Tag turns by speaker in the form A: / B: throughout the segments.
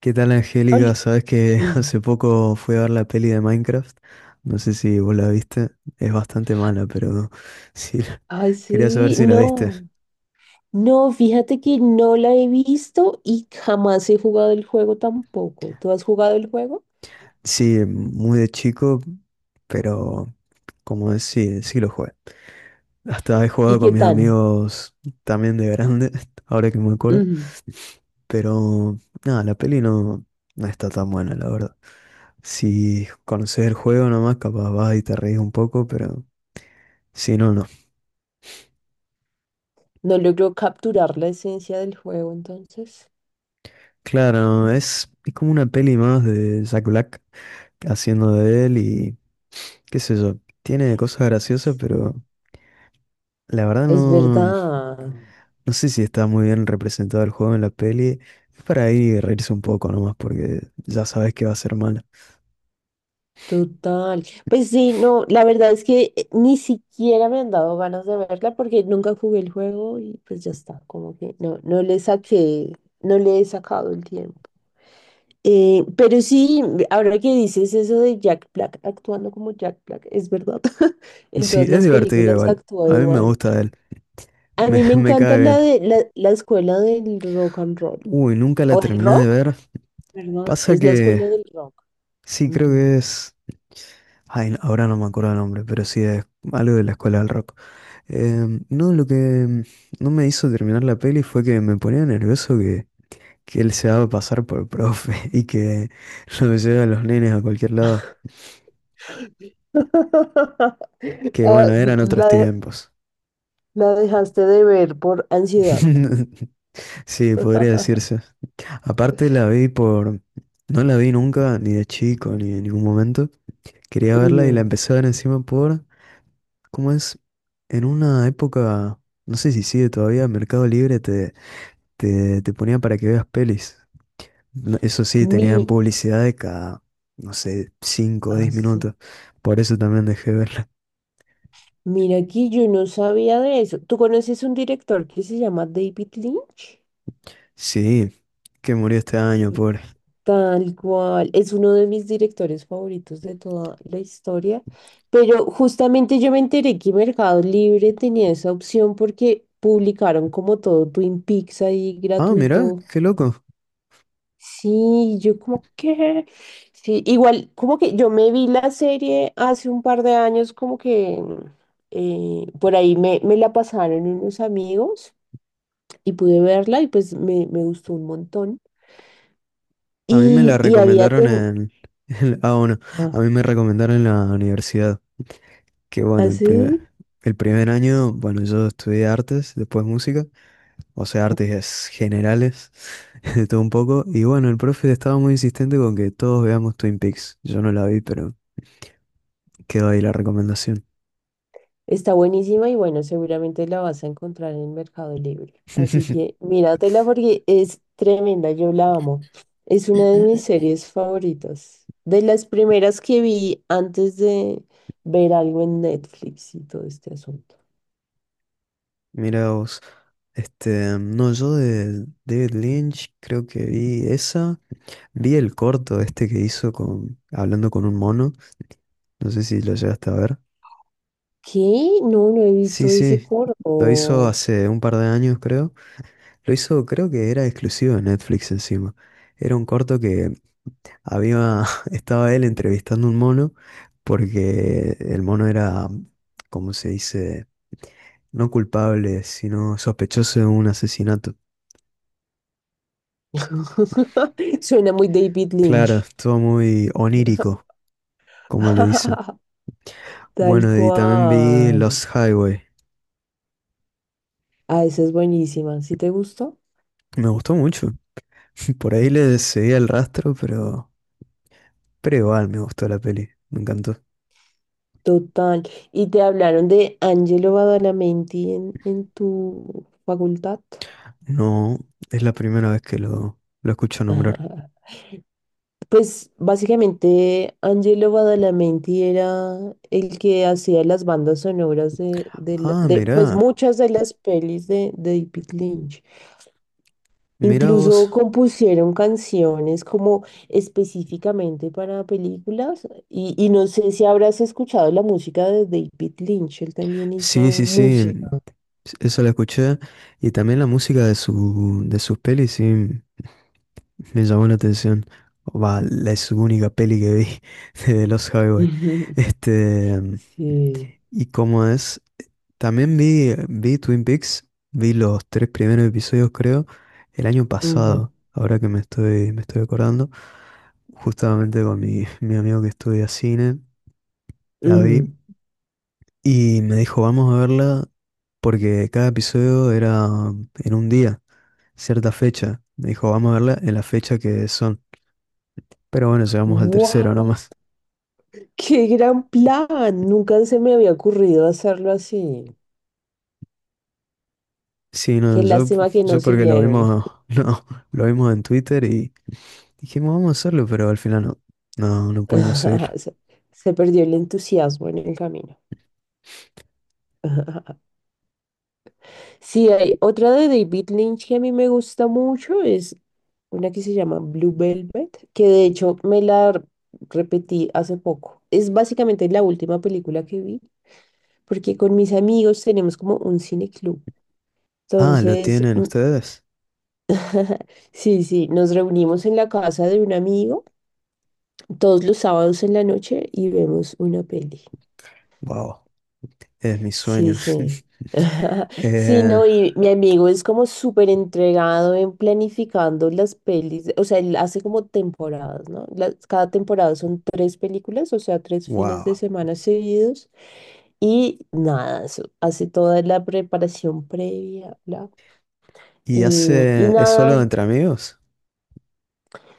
A: ¿Qué tal, Angélica?
B: Ol-
A: Sabes que hace poco fui a ver la peli de Minecraft. No sé si vos la viste. Es bastante mala, pero sí.
B: Ay,
A: Quería saber
B: sí,
A: si la viste.
B: no, no, fíjate que no la he visto y jamás he jugado el juego tampoco. ¿Tú has jugado el juego?
A: Sí, muy de chico, pero como es, sí lo jugué. Hasta he
B: ¿Y
A: jugado
B: qué
A: con mis
B: tal?
A: amigos también de grande, ahora que me acuerdo.
B: Ujú.
A: Pero nada, la peli no, no está tan buena, la verdad. Si conoces el juego nomás, capaz vas y te reís un poco, pero si no, no.
B: No logró capturar la esencia del juego, entonces.
A: Claro, es como una peli más de Jack Black haciendo de él y qué sé yo, tiene cosas graciosas,
B: Sí.
A: pero la verdad
B: Es
A: no, no
B: verdad,
A: sé si está muy bien representado el juego en la peli. Es para ir reírse un poco nomás porque ya sabes que va a ser mala.
B: total. Pues sí, no, la verdad es que ni siquiera me han dado ganas de verla porque nunca jugué el juego y pues ya está, como que no, no le saqué, no le he sacado el tiempo. Pero sí, ahora que dices eso de Jack Black actuando como Jack Black, es verdad. En
A: Sí,
B: todas
A: es
B: las
A: divertido
B: películas
A: igual.
B: actúa
A: A mí me
B: igual.
A: gusta él,
B: A mí me
A: me
B: encanta
A: cae bien.
B: la de la escuela del rock and roll.
A: Uy, nunca la
B: O del
A: terminé de
B: rock,
A: ver.
B: perdón,
A: Pasa
B: es la
A: que
B: escuela del rock.
A: sí, creo
B: Ujú.
A: que es... Ay, ahora no me acuerdo el nombre, pero sí es algo de la escuela del rock. No, lo que no me hizo terminar la peli fue que me ponía nervioso que él se daba pasar por profe y que lo lleva a los nenes a cualquier lado. Que
B: Ah,
A: bueno, eran otros
B: la, de-
A: tiempos.
B: la dejaste de ver por ansiedad.
A: Sí, podría decirse. Aparte la vi por... No la vi nunca, ni de chico, ni en ningún momento. Quería verla y la
B: Ujú.
A: empecé a ver encima por... ¿Cómo es? En una época, no sé si sigue todavía, Mercado Libre te ponía para que veas pelis. No, eso sí, tenían
B: Mi,
A: publicidad de cada, no sé, cinco o
B: ah,
A: diez
B: sí.
A: minutos. Por eso también dejé de verla.
B: Mira aquí, yo no sabía de eso. ¿Tú conoces un director que se llama David Lynch?
A: Sí, que murió este año, pobre.
B: Tal cual, es uno de mis directores favoritos de toda la historia, pero justamente yo me enteré que Mercado Libre tenía esa opción porque publicaron como todo Twin Peaks ahí
A: Ah, mirá,
B: gratuito.
A: qué loco.
B: Sí, sí, igual como que yo me vi la serie hace un par de años como que por ahí me la pasaron unos amigos y pude verla y pues me gustó un montón.
A: A mí me la
B: Y, y había...
A: recomendaron
B: ten-
A: en... ah, bueno, a
B: Ah,
A: mí me recomendaron en la universidad. Que bueno,
B: ¿así?
A: el primer año, bueno, yo estudié artes, después música. O sea, artes generales, de todo un poco. Y bueno, el profe estaba muy insistente con que todos veamos Twin Peaks. Yo no la vi, pero quedó ahí la recomendación.
B: Está buenísima y bueno, seguramente la vas a encontrar en Mercado Libre. Así que míratela porque es tremenda, yo la amo. Es una de mis series favoritas. De las primeras que vi antes de ver algo en Netflix y todo este asunto.
A: Mira vos, este, no, yo de David Lynch creo que vi esa, vi el corto este que hizo con, hablando con un mono, no sé si lo llegaste a ver.
B: ¿Qué? No, no he
A: Sí,
B: visto ese
A: sí, lo hizo
B: corto.
A: hace un par de años creo, lo hizo, creo que era exclusivo de Netflix encima. Era un corto que había, estaba él entrevistando a un mono, porque el mono era, como se dice, no culpable, sino sospechoso de un asesinato.
B: Suena muy David
A: Claro,
B: Lynch.
A: estuvo muy onírico, como le dicen.
B: Tal
A: Bueno, y también vi
B: cual.
A: Los Highway.
B: Ah, esa es buenísima. ¿Sí te gustó?
A: Me gustó mucho. Por ahí le seguí el rastro, pero igual me gustó la peli. Me encantó.
B: Total. ¿Y te hablaron de Angelo Badalamenti en tu facultad?
A: No, es la primera vez que lo escucho nombrar.
B: Ajá. Pues básicamente Angelo Badalamenti era el que hacía las bandas sonoras de, de, la-
A: Ah,
B: de, pues
A: mirá,
B: muchas de las pelis de David Lynch.
A: mirá
B: Incluso
A: vos.
B: compusieron canciones como específicamente para películas y no sé si habrás escuchado la música de David Lynch, él también hizo
A: Sí, sí,
B: música.
A: sí. Eso la escuché. Y también la música de de sus pelis, sí. Me llamó la atención. Va, es su única peli que vi de los Highway. Este,
B: Sí.
A: y como es, también vi Twin Peaks, vi los tres primeros episodios, creo, el año
B: Ujú,
A: pasado, ahora que me estoy acordando, justamente con mi amigo que estudia cine, la vi,
B: ujú.
A: y me dijo, vamos a verla, porque cada episodio era en un día, cierta fecha. Me dijo, vamos a verla en la fecha que son. Pero bueno, llegamos al tercero
B: ¡Guau!
A: nomás.
B: ¡Qué gran plan! Nunca se me había ocurrido hacerlo así.
A: Sí, no,
B: Qué lástima que no
A: yo porque lo
B: siguieron.
A: vimos, no, lo vimos en Twitter y dijimos vamos a hacerlo, pero al final no, no pudimos seguirlo.
B: Se, Se perdió el entusiasmo en el camino. Sí, hay otra de David Lynch que a mí me gusta mucho, es una que se llama Blue Velvet, que de hecho me la repetí hace poco. Es básicamente la última película que vi, porque con mis amigos tenemos como un cineclub.
A: Ah, ¿lo
B: Entonces,
A: tienen ustedes?
B: sí, sí, nos reunimos en la casa de un amigo todos los sábados en la noche y vemos una peli.
A: Wow, es mi
B: Sí,
A: sueño.
B: sí. Sí,
A: Eh,
B: no, y mi amigo es como súper entregado en planificando las pelis, o sea, él hace como temporadas, ¿no? Las- cada temporada son tres películas, o sea, tres fines de
A: wow.
B: semana seguidos. Y nada, eso, hace toda la preparación previa, bla.
A: ¿Y
B: Y, y
A: hace, es
B: nada,
A: solo entre amigos?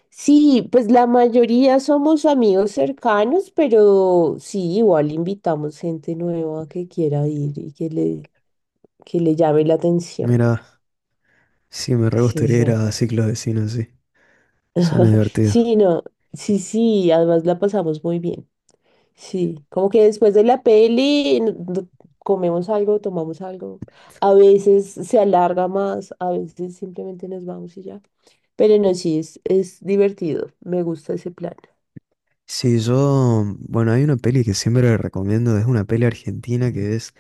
B: sí, pues la mayoría somos amigos cercanos, pero sí, igual invitamos gente nueva que quiera ir y que le llame la atención.
A: Mira, sí, me re
B: Sí,
A: gustaría ir
B: sí.
A: a ciclos de cine sí. Suena divertido.
B: Sí, no, sí, sí, además la pasamos muy bien. Sí, como que después de la peli comemos algo, tomamos algo. A veces se alarga más, a veces simplemente nos vamos y ya. Pero no, sí, es divertido. Me gusta ese plan.
A: Sí, yo, bueno, hay una peli que siempre recomiendo, es una peli argentina que es...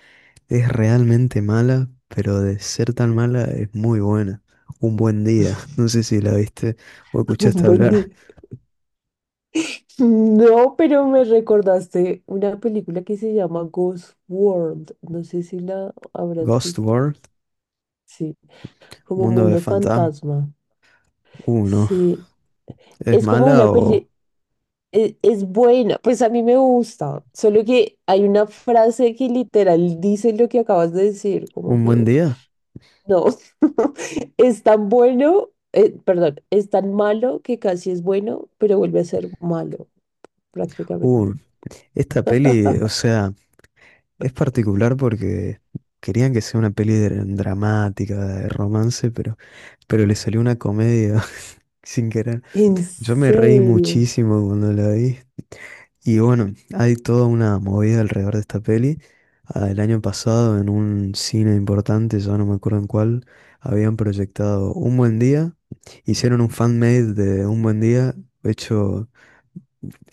A: Es realmente mala, pero de ser tan mala es muy buena. Un buen día. No sé si la viste o
B: Un
A: escuchaste
B: buen día.
A: hablar.
B: Mm, no, pero me recordaste una película que se llama Ghost World. No sé si la habrás
A: Ghost
B: visto.
A: World,
B: Sí, como
A: Mundo de
B: Mundo
A: Fantasma.
B: Fantasma.
A: No.
B: Sí,
A: ¿Es
B: es como
A: mala
B: una
A: o
B: peli, es, buena, pues a mí me gusta. Solo que hay una frase que literal dice lo que acabas de decir, como
A: un buen
B: que
A: día?
B: no, es tan bueno, perdón, es tan malo que casi es bueno, pero vuelve a ser malo
A: Uh,
B: prácticamente.
A: esta peli, o sea, es particular porque querían que sea una peli dramática, de romance, pero le salió una comedia sin querer.
B: En
A: Yo me reí
B: serio.
A: muchísimo cuando la vi. Y bueno, hay toda una movida alrededor de esta peli. Ah, el año pasado, en un cine importante, ya no me acuerdo en cuál, habían proyectado Un Buen Día, hicieron un fan-made de Un Buen Día, hecho,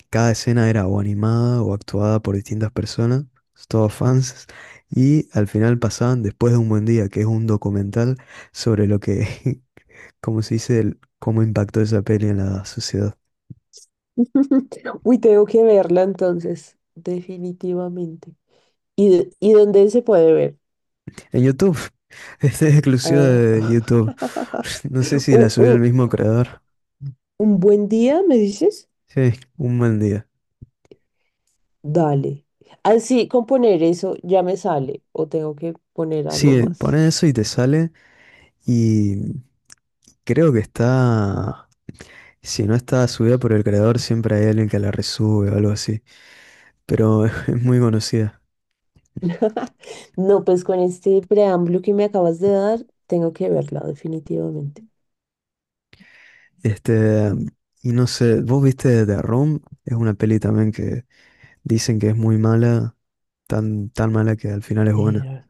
A: cada escena era o animada o actuada por distintas personas, todos fans, y al final pasaban Después de Un Buen Día, que es un documental sobre lo que, como se dice, cómo impactó esa peli en la sociedad.
B: Uy, tengo que verla entonces, definitivamente. ¿Y, y dónde se puede ver?
A: En YouTube. Este es exclusivo
B: Ah,
A: de YouTube. No sé si la
B: un,
A: subió el
B: un-
A: mismo creador.
B: un buen día, me dices?
A: Sí, un buen día.
B: Dale. Así, con poner eso ya me sale, o tengo que poner algo
A: Sí,
B: más.
A: pone eso y te sale. Y creo que está. Si no está subida por el creador, siempre hay alguien que la resube o algo así. Pero es muy conocida.
B: No, pues con este preámbulo que me acabas de dar, tengo que verla, definitivamente.
A: Este. Y no sé, ¿vos viste The Room? Es una peli también que dicen que es muy mala. Tan, tan mala que al final es buena.
B: Pero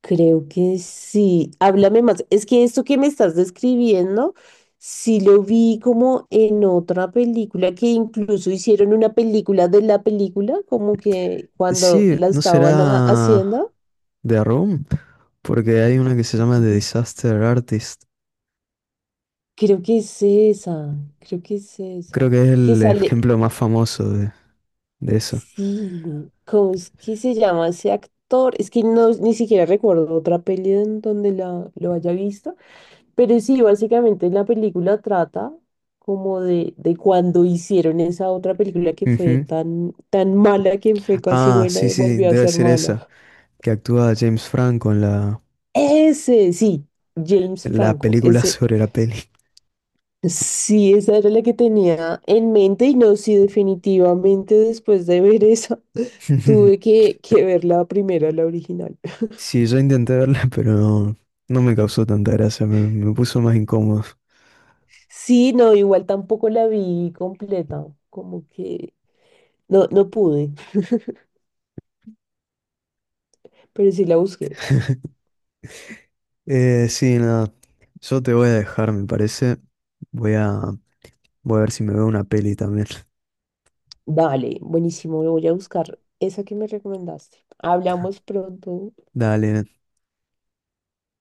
B: creo que sí. Háblame más. Es que esto que me estás describiendo, sí lo vi como en otra película, que incluso hicieron una película de la película, como que cuando
A: Sí,
B: la
A: ¿no
B: estaban
A: será
B: haciendo.
A: The Room? Porque hay una que se
B: Yo
A: llama The Disaster Artist.
B: creo que es esa, creo que es
A: Creo
B: esa.
A: que es
B: Que
A: el
B: sale,
A: ejemplo más famoso de eso.
B: sí, ¿cómo es que se llama ese actor? Es que no, ni siquiera recuerdo otra peli en donde lo haya visto. Pero sí, básicamente la película trata como de cuando hicieron esa otra película que fue
A: Ujú.
B: tan, tan mala que fue casi
A: Ah,
B: buena
A: sí,
B: y
A: sí, sí,
B: volvió a
A: debe
B: ser
A: ser esa,
B: mala.
A: que actúa James Franco
B: Ese, sí, James
A: en la
B: Franco,
A: película
B: ese,
A: sobre la peli.
B: sí, esa era la que tenía en mente y no, sí, definitivamente después de ver esa, tuve que ver la primera, la original.
A: Sí, yo intenté verla, pero no, no me causó tanta gracia, me puso más incómodo.
B: Sí, no, igual tampoco la vi completa, como que no, no pude, pero sí la busqué.
A: Sí, nada, yo te voy a dejar, me parece. Voy a, voy a ver si me veo una peli también.
B: Vale, buenísimo, voy a buscar esa que me recomendaste. Hablamos pronto.
A: Dale,